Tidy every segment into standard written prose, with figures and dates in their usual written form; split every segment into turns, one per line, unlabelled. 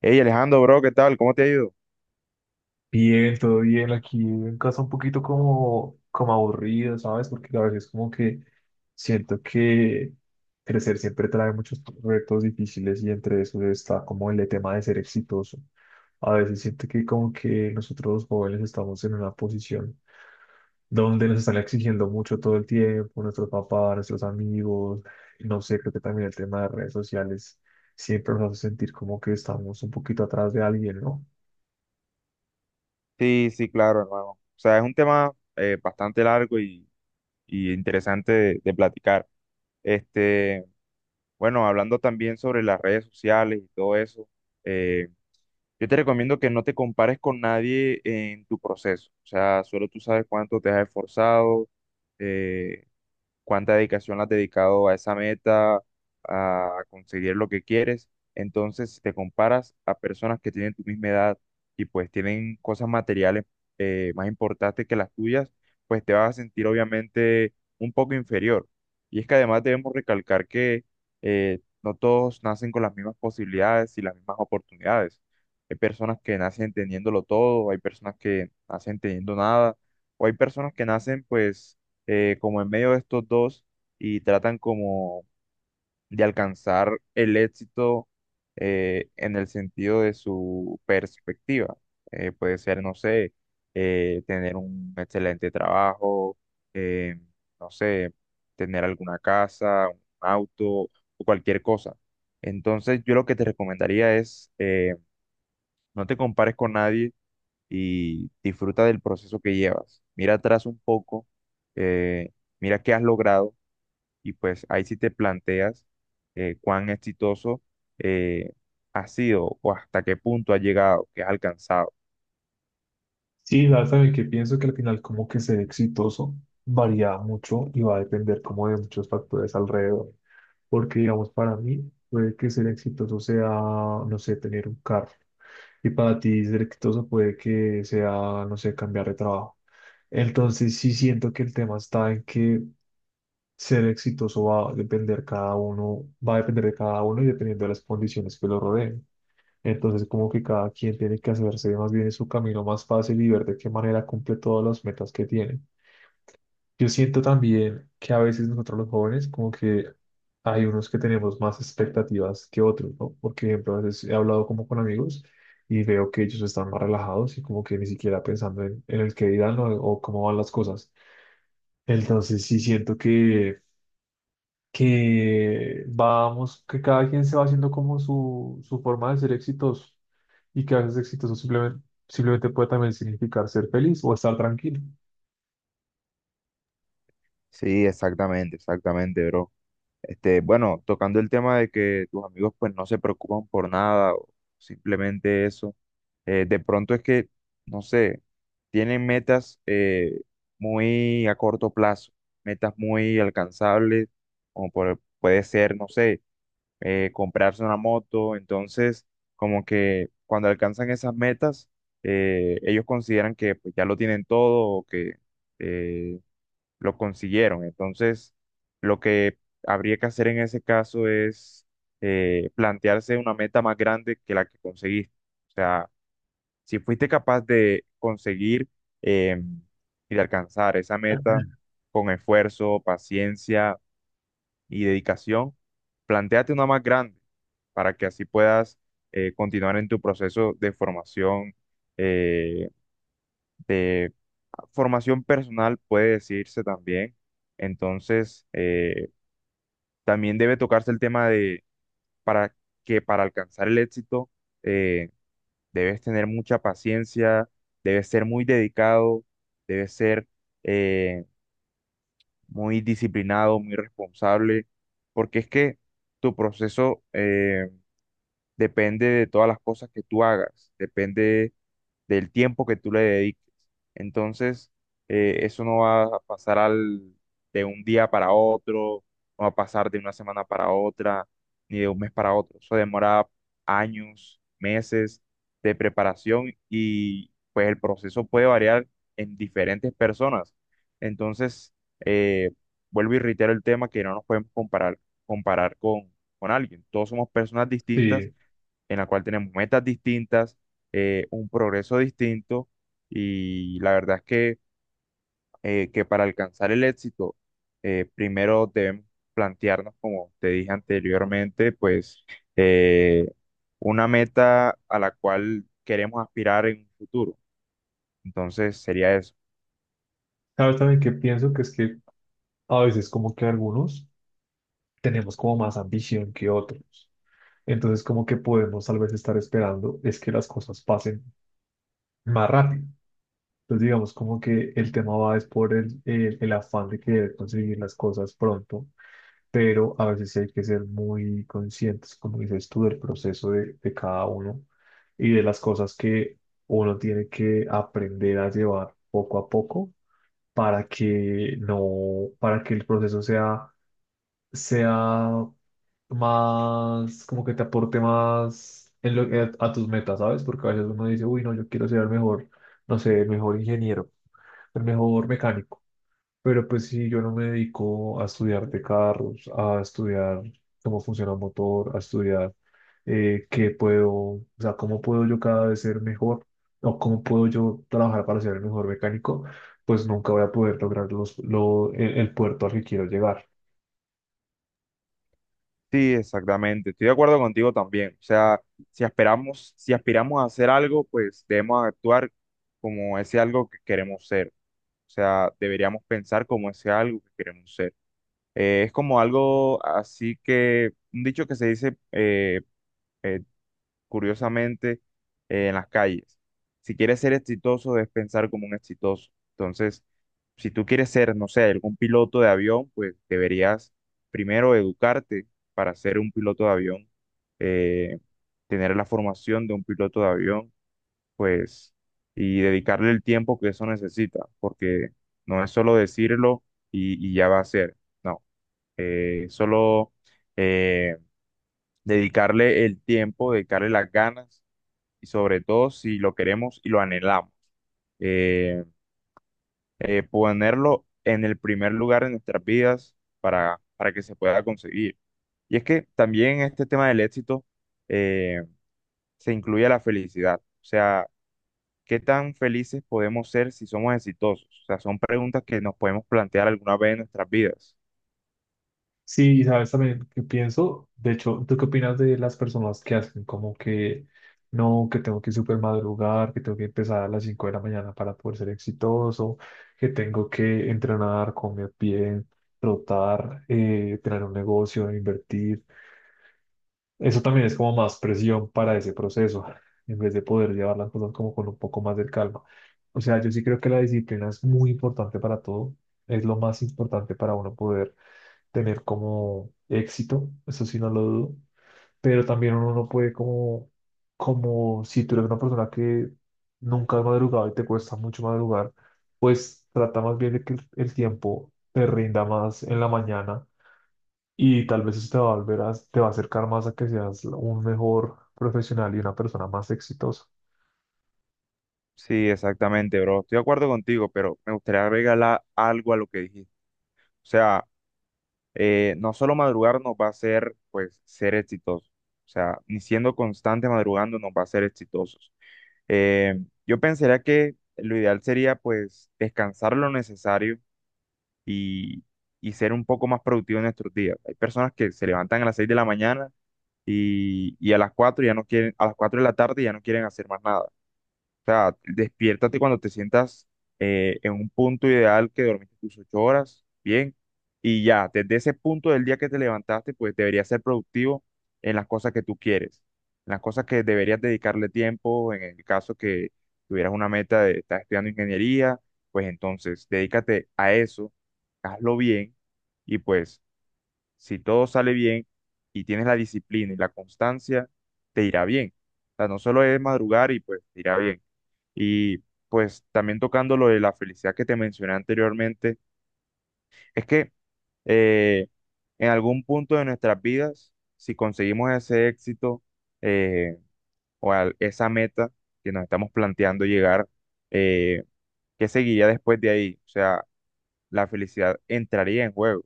Hey Alejandro, bro, ¿qué tal? ¿Cómo te ha ido?
Bien, todo bien. Aquí en casa un poquito como aburrido, ¿sabes? Porque a veces como que siento que crecer siempre trae muchos retos difíciles y entre esos está como el tema de ser exitoso. A veces siento que como que nosotros los jóvenes estamos en una posición donde nos están exigiendo mucho todo el tiempo, nuestros papás, nuestros amigos, no sé, creo que también el tema de redes sociales siempre nos hace sentir como que estamos un poquito atrás de alguien, ¿no?
Sí, sí, claro, hermano. O sea, es un tema bastante largo y interesante de platicar. Este, bueno, hablando también sobre las redes sociales y todo eso, eh, yo te recomiendo que no te compares con nadie en tu proceso. O sea, solo tú sabes cuánto te has esforzado, eh, cuánta dedicación la has dedicado a esa meta, a conseguir lo que quieres. Entonces, si te comparas a personas que tienen tu misma edad y pues tienen cosas materiales más importantes que las tuyas, pues te vas a sentir obviamente un poco inferior. Y es que además debemos recalcar que no todos nacen con las mismas posibilidades y las mismas oportunidades. Hay personas que nacen teniéndolo todo, hay personas que nacen teniendo nada, o hay personas que nacen pues como en medio de estos dos y tratan como de alcanzar el éxito en el sentido de su perspectiva. Puede ser, no sé, tener un excelente trabajo, eh, no sé, tener alguna casa, un auto o cualquier cosa. Entonces, yo lo que te recomendaría es, no te compares con nadie y disfruta del proceso que llevas. Mira atrás un poco, eh, mira qué has logrado y pues ahí sí te planteas cuán exitoso eh, ha sido o hasta qué punto ha llegado, qué has alcanzado.
Sí, ya saben que pienso que al final como que ser exitoso varía mucho y va a depender como de muchos factores alrededor. Porque digamos, para mí puede que ser exitoso sea, no sé, tener un carro. Y para ti ser exitoso puede que sea, no sé, cambiar de trabajo. Entonces sí siento que el tema está en que ser exitoso va a depender cada uno, va a depender de cada uno y dependiendo de las condiciones que lo rodeen. Entonces, como que cada quien tiene que hacerse más bien su camino más fácil y ver de qué manera cumple todas las metas que tiene. Yo siento también que a veces nosotros los jóvenes, como que hay unos que tenemos más expectativas que otros, ¿no? Por ejemplo, a veces he hablado como con amigos y veo que ellos están más relajados y como que ni siquiera pensando en el que dirán o cómo van las cosas. Entonces, sí siento que vamos, que cada quien se va haciendo como su forma de ser exitoso y que a veces exitoso simplemente puede también significar ser feliz o estar tranquilo.
Sí, exactamente, exactamente, bro. Bueno, tocando el tema de que tus amigos pues no se preocupan por nada o simplemente eso, de pronto es que, no sé, tienen metas muy a corto plazo, metas muy alcanzables, como puede ser, no sé, comprarse una moto. Entonces, como que cuando alcanzan esas metas, ellos consideran que pues, ya lo tienen todo o que eh, lo consiguieron. Entonces, lo que habría que hacer en ese caso es plantearse una meta más grande que la que conseguiste. O sea, si fuiste capaz de conseguir em, y de alcanzar esa meta con esfuerzo, paciencia, y dedicación, plantéate una más grande para que así puedas continuar en tu proceso eh, de formación personal, puede decirse también. Entonces, también debe tocarse el tema de para que para alcanzar el éxito eh, debes tener mucha paciencia, debes ser muy dedicado, debes ser eh, muy disciplinado, muy responsable, porque es que tu proceso depende de todas las cosas que tú hagas, depende del tiempo que tú le dediques. Entonces, eso no va a pasar de un día para otro, no va a pasar de una semana para otra, ni de un mes para otro. Eso demora años, meses de preparación y pues el proceso puede variar en diferentes personas. Entonces, eh, vuelvo y reitero el tema que no nos podemos comparar con alguien. Todos somos personas distintas
Sí,
en la cual tenemos metas distintas, un progreso distinto y la verdad es que para alcanzar el éxito, primero debemos plantearnos, como te dije anteriormente, pues eh, una meta a la cual queremos aspirar en un futuro. Entonces sería eso.
sabes también que pienso que es que a veces como que algunos tenemos como más ambición que otros. Entonces como que podemos tal vez estar esperando es que las cosas pasen más rápido. Entonces digamos como que el tema va es por el afán de querer conseguir las cosas pronto pero a veces sí hay que ser muy conscientes, como dices tú, del proceso de cada uno y de las cosas que uno tiene que aprender a llevar poco a poco para que no, para que el proceso sea más, como que te aporte más a tus metas, ¿sabes? Porque a veces uno dice, uy, no, yo quiero ser el mejor, no sé, el mejor ingeniero, el mejor mecánico pero pues sí, yo no me dedico a estudiar de carros, a estudiar cómo funciona un motor, a estudiar qué puedo, o sea, cómo puedo yo cada vez ser mejor o cómo puedo yo trabajar para ser el mejor mecánico, pues nunca voy a poder lograr el puerto al que quiero llegar.
Sí, exactamente. Estoy de acuerdo contigo también. O sea, si esperamos, si aspiramos a hacer algo, pues debemos actuar como ese algo que queremos ser. O sea, deberíamos pensar como ese algo que queremos ser. Es como algo así que, un dicho que se dice eh, curiosamente en las calles. Si quieres ser exitoso, debes pensar como un exitoso. Entonces, si tú quieres ser, no sé, algún piloto de avión, pues deberías primero educarte para ser un piloto de avión, eh, tener la formación de un piloto de avión pues, y dedicarle el tiempo que eso necesita, porque no es solo decirlo y ya va a ser, no, solo eh, dedicarle el tiempo, dedicarle las ganas y sobre todo si lo queremos y lo anhelamos, eh, ponerlo en el primer lugar en nuestras vidas para que se pueda conseguir. Y es que también este tema del éxito eh, se incluye la felicidad, o sea, ¿qué tan felices podemos ser si somos exitosos? O sea, son preguntas que nos podemos plantear alguna vez en nuestras vidas.
Sí, y sabes también qué pienso. De hecho, ¿tú qué opinas de las personas que hacen como que no, que tengo que super madrugar, que tengo que empezar a las 5 de la mañana para poder ser exitoso, que tengo que entrenar, comer bien, trotar, tener un negocio, invertir? Eso también es como más presión para ese proceso, en vez de poder llevar las cosas como con un poco más de calma. O sea, yo sí creo que la disciplina es muy importante para todo. Es lo más importante para uno poder tener como éxito, eso sí no lo dudo, pero también uno no puede como si tú eres una persona que nunca has madrugado y te cuesta mucho madrugar, pues trata más bien de que el tiempo te rinda más en la mañana y tal vez eso te va a te va a acercar más a que seas un mejor profesional y una persona más exitosa.
Sí, exactamente, bro. Estoy de acuerdo contigo, pero me gustaría agregar algo a lo que dijiste. O sea, no solo madrugar nos va a hacer, pues, ser exitosos. O sea, ni siendo constante madrugando nos va a hacer exitosos. Eh, yo pensaría que lo ideal sería, pues, descansar lo necesario y, y ser un poco más productivo en nuestros días. Hay personas que se levantan a las 6 de la mañana y a las 4 ya no quieren, a las 4 de la tarde ya no quieren hacer más nada. O sea, despiértate cuando te sientas en un punto ideal que dormiste tus 8 horas, bien, y ya, desde ese punto del día que te levantaste, pues deberías ser productivo en las cosas que tú quieres, en las cosas que deberías dedicarle tiempo, en el caso que tuvieras una meta de estar estudiando ingeniería, pues entonces dedícate a eso, hazlo bien y pues si todo sale bien y tienes la disciplina y la constancia, te irá bien. O sea, no solo es madrugar y pues te irá bien. Y pues también tocando lo de la felicidad que te mencioné anteriormente, es que eh, en algún punto de nuestras vidas, si conseguimos ese éxito eh, o esa meta que nos estamos planteando llegar, eh, ¿qué seguiría después de ahí? O sea, la felicidad entraría en juego.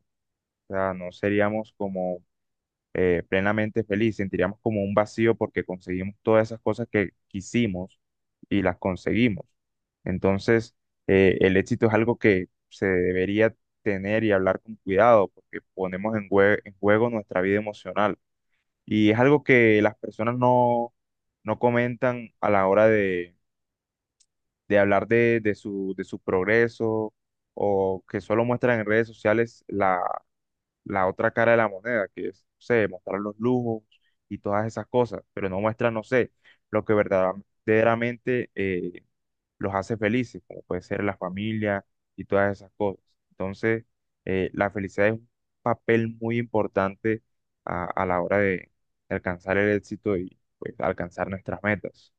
O sea, no seríamos como plenamente feliz, sentiríamos como un vacío porque conseguimos todas esas cosas que quisimos y las conseguimos. Entonces, el éxito es algo que se debería tener y hablar con cuidado porque ponemos en, en juego nuestra vida emocional y es algo que las personas no comentan a la hora de hablar de de su progreso o que solo muestran en redes sociales la otra cara de la moneda, que es, no sé, mostrar los lujos y todas esas cosas, pero no muestra, no sé, lo que verdaderamente los hace felices, como puede ser la familia y todas esas cosas. Entonces, la felicidad es un papel muy importante a la hora de alcanzar el éxito y pues, alcanzar nuestras metas.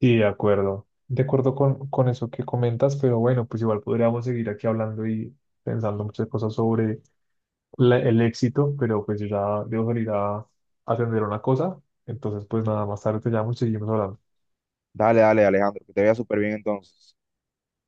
Sí, de acuerdo. De acuerdo con eso que comentas, pero bueno, pues igual podríamos seguir aquí hablando y pensando muchas cosas sobre el éxito, pero pues yo ya debo salir a atender una cosa. Entonces, pues nada, más tarde te llamo y seguimos hablando.
Dale, dale, Alejandro, que te vea súper bien entonces.